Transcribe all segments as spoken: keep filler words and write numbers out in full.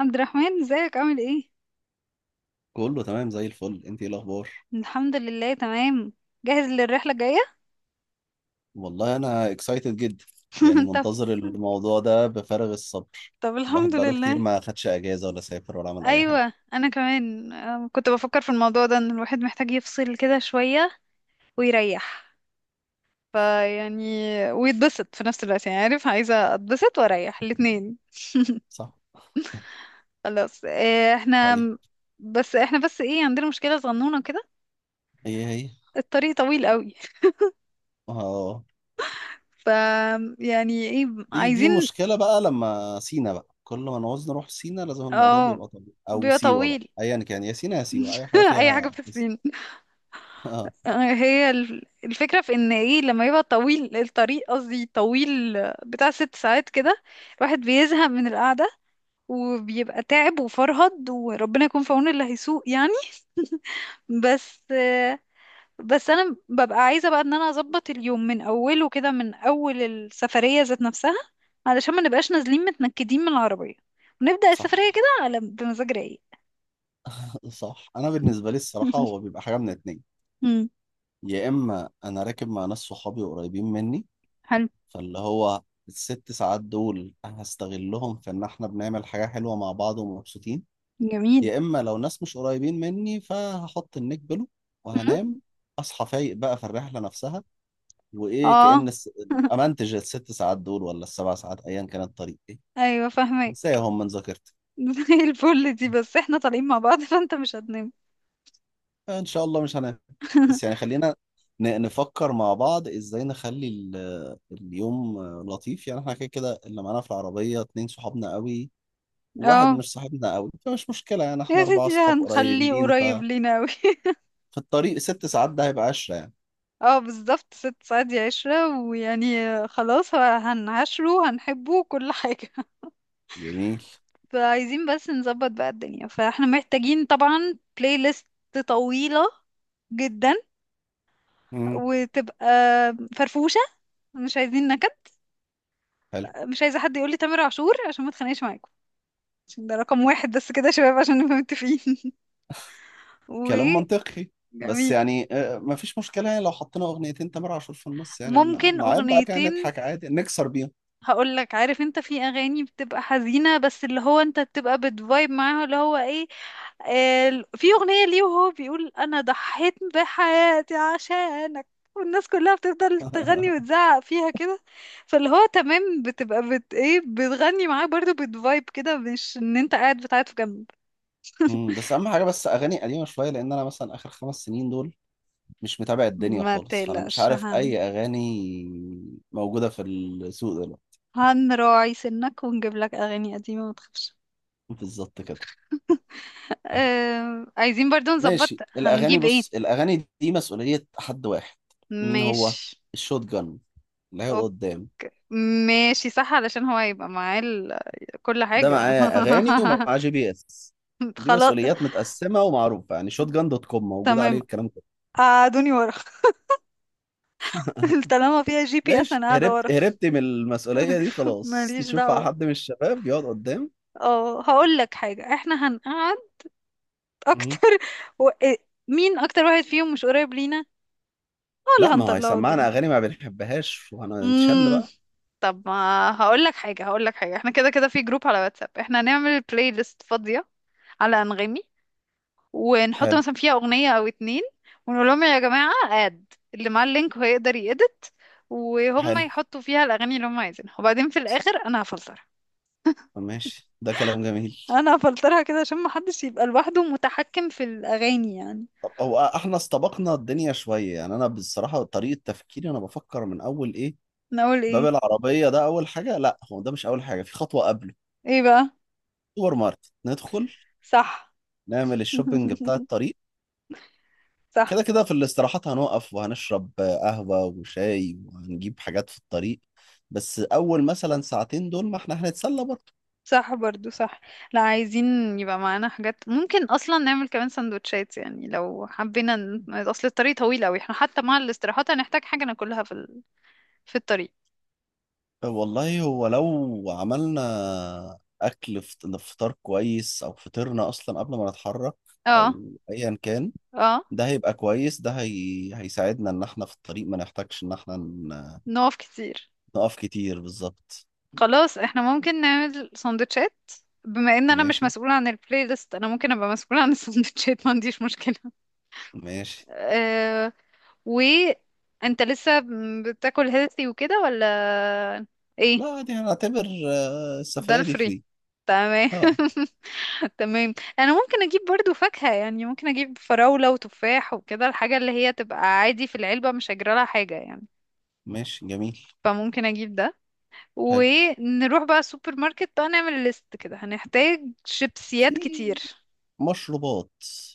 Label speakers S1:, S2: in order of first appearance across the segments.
S1: عبد الرحمن، ازيك؟ عامل ايه؟
S2: كله تمام زي الفل. انت ايه الاخبار؟
S1: الحمد لله، تمام. جاهز للرحله الجايه؟
S2: والله انا اكسايتد جدا، يعني
S1: طب.
S2: منتظر الموضوع ده بفارغ الصبر.
S1: طب الحمد
S2: الواحد بقاله كتير
S1: لله.
S2: ما خدش اجازه ولا سافر ولا عمل اي حاجه.
S1: ايوه، انا كمان أم، كنت بفكر في الموضوع ده ان الواحد محتاج يفصل كده شويه ويريح فيعني ويتبسط في نفس الوقت. يعني عارف، عايزه اتبسط واريح الاتنين.
S2: صح.
S1: خلاص إيه، احنا
S2: طيب.
S1: بس احنا بس ايه، عندنا مشكله صغنونه كده.
S2: هي هي
S1: الطريق طويل قوي.
S2: اه.
S1: ف يعني ايه؟
S2: دي دي
S1: عايزين.
S2: مشكله بقى، لما سينا بقى كل ما نعوز نروح سينا لازم الموضوع
S1: اه،
S2: بيبقى طبيعي او
S1: بيبقى
S2: سيوه بقى،
S1: طويل.
S2: ايا كان يا سينا يا سيوه اي حاجه
S1: اي حاجه
S2: فيها
S1: في
S2: اس-
S1: الصين.
S2: اه.
S1: آه، هي ال- الفكرة في ان ايه، لما يبقى طويل الطريق، قصدي طويل بتاع ست ساعات كده، الواحد بيزهق من القعدة وبيبقى تعب وفرهد، وربنا يكون في عون اللي هيسوق يعني. بس. بس انا ببقى عايزة بقى ان انا اظبط اليوم من اوله كده، من اول السفرية ذات نفسها، علشان ما نبقاش نازلين متنكدين من العربية، ونبدأ
S2: صح
S1: السفرية كده على بمزاج رايق.
S2: صح، انا بالنسبه لي الصراحه هو بيبقى حاجه من اتنين.
S1: مم،
S2: يا اما انا راكب مع ناس صحابي قريبين مني،
S1: حلو.
S2: فاللي هو الست ساعات دول هستغلهم في ان احنا بنعمل حاجة حلوة مع بعض ومبسوطين.
S1: جميل.
S2: يا اما لو ناس مش قريبين مني فهحط النيك بلو
S1: مم.
S2: وهنام، اصحى فايق بقى في الرحلة نفسها، وايه
S1: اه.
S2: كأن الس... امنتج الست ساعات دول ولا السبع ساعات، ايا كان الطريق ايه،
S1: ايوه فاهمك.
S2: انساهم من ذاكرتي.
S1: زي الفل. دي بس احنا طالعين مع بعض فانت مش هتنام.
S2: ان شاء الله مش هنام. بس يعني خلينا ن- نفكر مع بعض ازاي نخلي ال- اليوم لطيف، يعني احنا كده كده اللي معانا في العربية اتنين صحابنا قوي، واحد
S1: اه
S2: مش صاحبنا قوي فمش مشكلة، يعني احنا
S1: يا
S2: أربعة
S1: سيدي، ده
S2: أصحاب
S1: هنخليه
S2: قريبين.
S1: قريب
S2: ففي
S1: لينا اوي.
S2: الطريق ست ساعات ده هيبقى عشرة يعني.
S1: اه بالظبط، ست ساعات دي عشرة ويعني خلاص. هو- هنعاشره، هنحبه كل حاجة.
S2: جميل.
S1: فعايزين بس نظبط بقى الدنيا. فاحنا محتاجين طبعا بلاي ليست طويلة جدا،
S2: مم.
S1: وتبقى فرفوشة، مش عايزين نكد.
S2: حلو.
S1: مش عايزة حد يقولي تامر عاشور عشان ما اتخانقش معاكم، عشان ده رقم واحد بس كده يا شباب، عشان نبقى متفقين. و
S2: كلام منطقي. بس
S1: جميل.
S2: يعني آه، مفيش مشكلة يعني لو حطينا أغنيتين تامر عاشور في النص، يعني ن-
S1: ممكن
S2: نعيب بقى كده
S1: اغنيتين.
S2: نضحك عادي نكسر بيهم.
S1: هقول لك، عارف انت في اغاني بتبقى حزينه بس اللي هو انت بتبقى بتفايب معاها، اللي هو ايه، آه، في اغنيه ليه وهو بيقول انا ضحيت بحياتي عشانك، والناس كلها بتفضل تغني وتزعق فيها كده. فاللي هو تمام، بتبقى بت ايه، بتغني معاه برضو، بتفايب كده، مش ان انت قاعد بتعيط في جنب.
S2: مم، بس أهم حاجة بس أغاني قديمة شوية، لأن أنا مثلا آخر خمس سنين دول مش متابع الدنيا
S1: ما
S2: خالص، فأنا مش
S1: تقلقش
S2: عارف
S1: هن
S2: أي أغاني موجودة في السوق دلوقتي.
S1: هنراعي سنك ونجيب لك اغاني قديمه، ما تخافش.
S2: بالظبط كده.
S1: آه، عايزين برضو نظبط
S2: ماشي الاغاني.
S1: هنجيب ايه.
S2: بص الاغاني دي مسؤوليه حد واحد. مين هو؟
S1: ماشي.
S2: الشوت جن اللي هيقعد
S1: أوك-
S2: قدام.
S1: ماشي صح، علشان هو هيبقى معاه ال- كل
S2: ده معاه
S1: حاجة.
S2: اغاني ومعاه جي بي اس، دي
S1: خلاص
S2: مسؤوليات متقسمه ومعروفه، يعني شوت جن دوت كوم موجود
S1: تمام.
S2: عليه الكلام كله.
S1: قعدوني ورا. طالما فيها جي بي اس
S2: ماشي،
S1: انا قاعدة ورا.
S2: هربت هربت من المسؤوليه دي خلاص.
S1: ماليش
S2: نشوف بقى
S1: دعوة.
S2: حد من الشباب يقعد قدام.
S1: اه هقول لك حاجة، احنا هنقعد
S2: مم.
S1: اكتر. و... إيه، مين اكتر واحد فيهم مش قريب لينا، هو
S2: لا،
S1: اللي
S2: ما هو
S1: هنطلعه قدام.
S2: هيسمعنا اغاني ما بنحبهاش وهنتشل
S1: امم
S2: بقى.
S1: طب، ما هقول لك حاجة، هقول لك حاجة، احنا كده كده في جروب على واتساب، احنا هنعمل بلاي ليست فاضية على انغامي، ونحط
S2: حلو.
S1: مثلا فيها اغنيه او اتنين، ونقول لهم يا جماعه، اد اللي معاه اللينك هو يقدر يedit، وهم
S2: حلو.
S1: يحطوا فيها الاغاني اللي هم عايزينها، وبعدين في
S2: صح.
S1: الاخر انا هفلترها.
S2: ماشي، ده كلام جميل.
S1: انا هفلترها كده عشان محدش يبقى لوحده متحكم في الاغاني يعني.
S2: طب هو احنا استبقنا الدنيا شوية، يعني انا بصراحة طريقة تفكيري انا بفكر من اول ايه،
S1: نقول
S2: باب
S1: ايه؟
S2: العربية ده اول حاجة. لا، هو ده مش اول حاجة، في خطوة قبله.
S1: ايه بقى.
S2: سوبر ماركت ندخل،
S1: صح.
S2: نعمل الشوبينج بتاع الطريق. كده
S1: صح.
S2: كده في الاستراحات هنقف وهنشرب قهوة وشاي وهنجيب حاجات في الطريق، بس اول مثلا ساعتين دول ما احنا هنتسلى برضه.
S1: صح برضو صح. لا عايزين يبقى معانا حاجات، ممكن اصلا نعمل كمان سندوتشات، يعني لو حبينا ن- اصل الطريق طويل قوي، احنا حتى مع الاستراحات هنحتاج حاجة ناكلها في ال... في الطريق.
S2: والله هو لو عملنا اكل فط- فطار كويس، او فطرنا اصلا قبل ما نتحرك،
S1: اه.
S2: او ايا كان،
S1: اه.
S2: ده هيبقى كويس، ده هي... هيساعدنا ان احنا في الطريق ما نحتاجش ان احنا ن-
S1: نقف كتير.
S2: نقف كتير. بالظبط.
S1: خلاص احنا ممكن نعمل سندوتشات. بما ان انا مش
S2: ماشي.
S1: مسؤولة عن البلاي ليست، انا ممكن ابقى مسؤولة عن السندوتشات، ما عنديش مشكلة.
S2: ماشي.
S1: أه. و انت لسه بتاكل هيلثي وكده ولا ايه؟
S2: لا دي هنعتبر آه،
S1: ده
S2: السفرية دي
S1: الفري،
S2: فري.
S1: تمام.
S2: اه.
S1: تمام، انا ممكن اجيب برضو فاكهة، يعني ممكن اجيب فراولة وتفاح وكده، الحاجة اللي هي تبقى عادي في العلبة، مش هجرى لها حاجة يعني.
S2: ماشي جميل.
S1: فممكن اجيب ده.
S2: حلو.
S1: ونروح بقى السوبر ماركت بقى نعمل ليست، كده هنحتاج شيبسيات كتير.
S2: في مشروبات،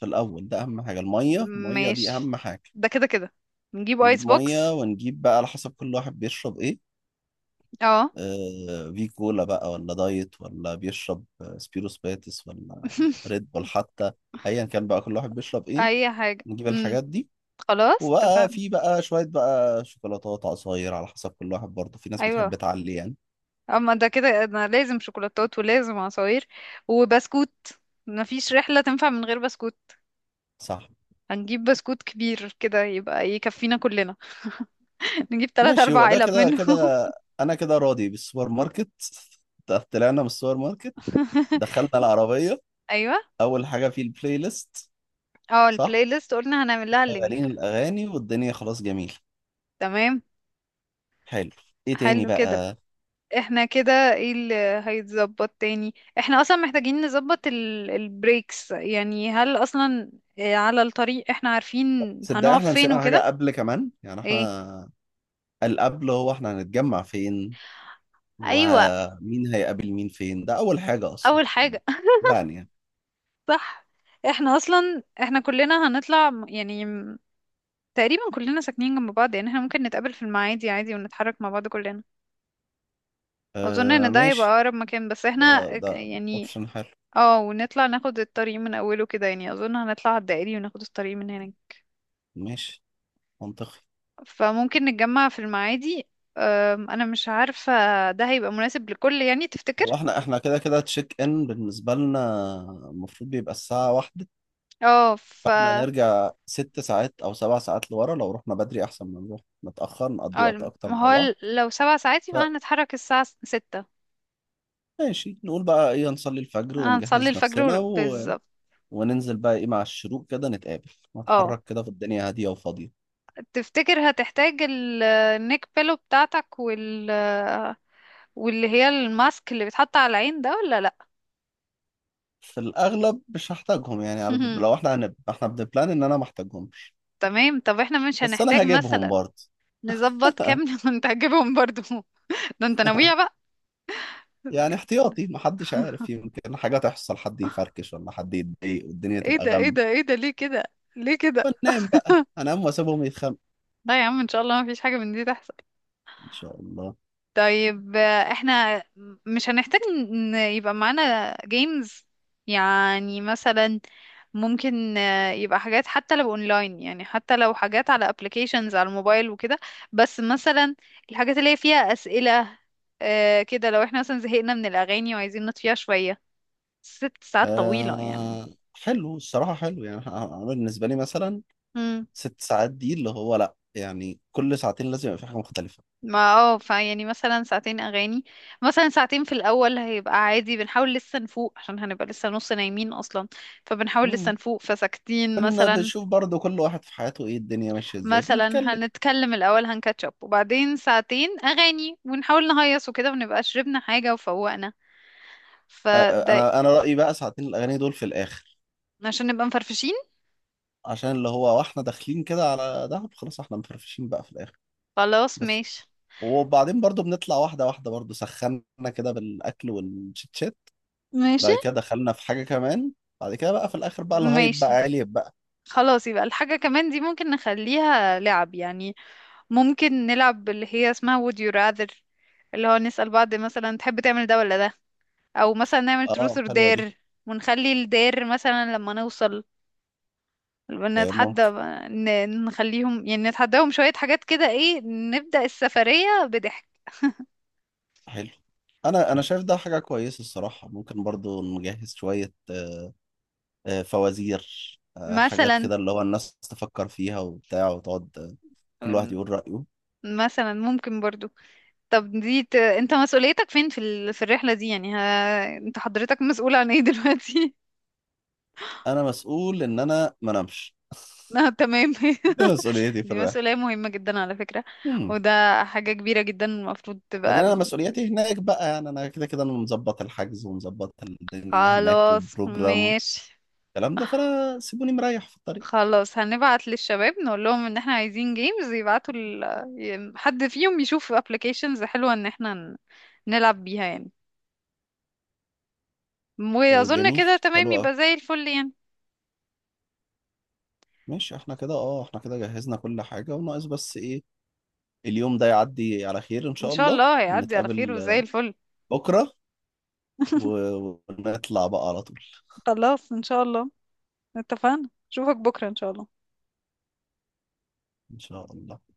S2: في الأول ده أهم حاجة، المية المية دي
S1: ماشي.
S2: أهم حاجة.
S1: ده كده كده نجيب ايس
S2: نجيب مية
S1: بوكس.
S2: ونجيب بقى على حسب كل واحد بيشرب إيه،
S1: اه.
S2: آه في كولا بقى ولا دايت، ولا بيشرب آه، سبيروس باتس، ولا ريد بول حتى، أيا كان بقى كل واحد بيشرب إيه
S1: اي حاجة.
S2: نجيب
S1: امم
S2: الحاجات دي.
S1: خلاص
S2: وبقى
S1: اتفقنا.
S2: في بقى شوية بقى شوكولاتات عصاير، على حسب كل واحد برضه في ناس
S1: ايوه.
S2: بتحب تعلي يعني.
S1: اما ده كده انا لازم شوكولاتات، ولازم عصاير، وبسكوت. مفيش رحلة تنفع من غير بسكوت.
S2: صح.
S1: هنجيب بسكوت كبير كده يبقى يكفينا كلنا. نجيب تلات
S2: ماشي
S1: اربع
S2: هو ده
S1: علب
S2: كده
S1: منه.
S2: كده، أنا كده راضي بالسوبر ماركت. طلعنا من السوبر ماركت، دخلنا العربية،
S1: ايوه.
S2: أول حاجة في البلاي ليست.
S1: اه،
S2: صح.
S1: البلاي ليست قلنا هنعمل لها
S2: شغالين
S1: اللينك.
S2: الأغاني والدنيا خلاص، جميل.
S1: تمام.
S2: حلو. إيه تاني
S1: حلو كده.
S2: بقى؟
S1: احنا كده ايه اللي هيتظبط تاني؟ احنا اصلا محتاجين نظبط ال- البريكس، يعني هل اصلا آه، على الطريق احنا عارفين
S2: صدق
S1: هنقف
S2: إحنا
S1: فين
S2: نسينا حاجة
S1: وكده؟
S2: قبل كمان، يعني
S1: ايه.
S2: إحنا القبل هو إحنا هنتجمع فين،
S1: ايوه
S2: ومين هيقابل مين فين، ده أول حاجة أصلا.
S1: اول حاجة.
S2: لا.
S1: صح. احنا اصلا، احنا كلنا هنطلع م- يعني م- تقريبا كلنا ساكنين جنب بعض، يعني احنا ممكن نتقابل في المعادي عادي، ونتحرك مع بعض كلنا. اظن
S2: آه
S1: ان ده هيبقى
S2: ماشي،
S1: اقرب مكان، بس احنا
S2: ده
S1: ك-
S2: ده
S1: يعني
S2: اوبشن حلو.
S1: اه، ونطلع ناخد الطريق من اوله كده، يعني اظن هنطلع على الدائري وناخد الطريق من هنا.
S2: ماشي، منطقي.
S1: فممكن نتجمع في المعادي. أم، انا مش عارفة، ده هيبقى مناسب لكل، يعني
S2: هو
S1: تفتكر؟
S2: احنا احنا كده كده تشيك ان بالنسبة لنا المفروض بيبقى الساعة واحدة،
S1: اه ف
S2: فاحنا
S1: اه،
S2: نرجع ست ساعات او سبع ساعات لورا، لو رحنا بدري احسن ما نروح متأخر نقضي وقت
S1: الم-
S2: اكتر
S1: ما
S2: مع
S1: هو
S2: بعض.
S1: ال- لو سبع ساعات يبقى هنتحرك الساعة س- ستة.
S2: فماشي نقول بقى ايه، نصلي الفجر
S1: هنصلي
S2: ونجهز
S1: الفجر ور-
S2: نفسنا و...
S1: بالظبط.
S2: وننزل بقى ايه مع الشروق، كده نتقابل
S1: اه،
S2: نتحرك كده في الدنيا هادية وفاضية.
S1: تفتكر هتحتاج ال- النيك بيلو بتاعتك وال، واللي هي الماسك اللي بيتحط على العين ده ولا لا؟
S2: في الاغلب مش هحتاجهم، يعني على- لو احنا هنبقى احنا بنبلان ان انا ما احتاجهمش،
S1: تمام. طب احنا مش
S2: بس
S1: هنحتاج
S2: انا هجيبهم
S1: مثلا
S2: برضه.
S1: نظبط كام. وانت هتجيبهم برضو؟ ده انت ناوية بقى.
S2: يعني احتياطي، محدش عارف، يمكن حاجة تحصل حد يفركش ولا حد يتضايق والدنيا
S1: ايه
S2: تبقى
S1: ده ايه
S2: غم،
S1: ده ايه ده ليه كده؟ ليه كده
S2: فننام بقى انام واسيبهم يتخانقوا.
S1: لا يا عم، ان شاء الله ما فيش حاجة من دي تحصل.
S2: ان شاء الله.
S1: طيب آه، احنا مش هنحتاج ان يبقى معانا جيمز يعني؟ مثلا ممكن آه، يبقى حاجات حتى لو اونلاين، يعني حتى لو حاجات على ابلكيشنز على الموبايل وكده، بس مثلا الحاجات اللي هي فيها أسئلة. آه، كده لو احنا مثلا زهقنا من الأغاني وعايزين نطفيها شوية. ست ساعات طويلة يعني.
S2: آه حلو، الصراحة حلو، يعني انا بالنسبة لي مثلا ست ساعات دي اللي هو، لا يعني كل ساعتين لازم يبقى في حاجة مختلفة.
S1: ما اه، فيعني مثلا ساعتين اغاني. مثلا ساعتين في الاول هيبقى عادي، بنحاول لسه نفوق، عشان هنبقى لسه نص نايمين اصلا، فبنحاول لسه
S2: مم.
S1: نفوق فساكتين
S2: كنا
S1: مثلا.
S2: بنشوف برضو كل واحد في حياته ايه الدنيا ماشية ازاي،
S1: مثلا
S2: بنتكلم.
S1: هنتكلم الاول، هنكاتشب، وبعدين ساعتين اغاني، ونحاول نهيص وكده، ونبقى شربنا حاجه وفوقنا،
S2: آه. آه،
S1: فده
S2: انا انا رأيي بقى ساعتين الاغاني دول في الاخر،
S1: عشان نبقى مفرفشين.
S2: عشان اللي هو واحنا داخلين كده على دهب خلاص احنا مفرفشين بقى في الاخر.
S1: خلاص
S2: بس
S1: ماشي.
S2: وبعدين برضو بنطلع واحدة واحدة، برضو سخنا كده بالأكل والشيتشات،
S1: ماشي.
S2: بعد كده دخلنا في حاجة كمان، بعد كده بقى في الآخر بقى الهايب بقى
S1: ماشي.
S2: عالي بقى.
S1: خلاص يبقى الحاجة كمان دي ممكن نخليها لعب يعني. ممكن نلعب اللي هي اسمها would you rather، اللي هو نسأل بعض مثلا تحب تعمل ده ولا ده، او مثلا نعمل
S2: اه
S1: truth or
S2: حلوة دي.
S1: dare، ونخلي الدير مثلا لما نوصل
S2: آه،
S1: نتحدى.
S2: ممكن.
S1: ن- نخليهم يعني نتحداهم شوية حاجات كده، ايه نبدأ السفرية بضحك.
S2: حلو. أنا أنا شايف ده حاجة كويسة الصراحة، ممكن برضو نجهز شوية آه، فوازير، آه، حاجات
S1: مثلا.
S2: كده اللي هو الناس تفكر فيها وبتاع، وتقعد آه، كل واحد يقول رأيه.
S1: مثلا ممكن برضو طب دي ت... انت مسؤوليتك فين في ال... في الرحلة دي يعني؟ ها... انت حضرتك مسؤول عن ايه دلوقتي؟
S2: أنا مسؤول إن أنا ما نمش.
S1: آه، تمام.
S2: ده مسؤوليتي في
S1: دي
S2: الرحلة.
S1: مسؤولية مهمة جدا على فكرة.
S2: Hmm.
S1: وده حاجة كبيرة جدا المفروض تبقى.
S2: بعدين انا مسؤولياتي هناك بقى، يعني انا كده كده انا مظبط الحجز ومظبط الدنيا هناك
S1: خلاص
S2: وبروجرام
S1: ماشي.
S2: الكلام ده، فانا سيبوني مريح في الطريق.
S1: خلاص هنبعت للشباب نقول لهم ان احنا عايزين جيمز، يبعتوا ال... ي- حد فيهم يشوف ابلكيشنز حلوة ان احنا ن- نلعب بيها يعني.
S2: إيه،
S1: واظن
S2: جميل
S1: كده تمام،
S2: حلو قوي.
S1: يبقى زي الفل يعني.
S2: ماشي احنا كده اه، احنا كده جهزنا كل حاجه وناقص بس ايه، اليوم ده يعدي على خير ان
S1: ان
S2: شاء
S1: شاء
S2: الله
S1: الله هيعدي على خير
S2: ونتقابل
S1: وزي
S2: آه،
S1: الفل.
S2: بكره، و- ونطلع بقى على طول.
S1: خلاص ان شاء الله. اتفقنا، اشوفك بكرة ان شاء الله.
S2: ان شاء الله.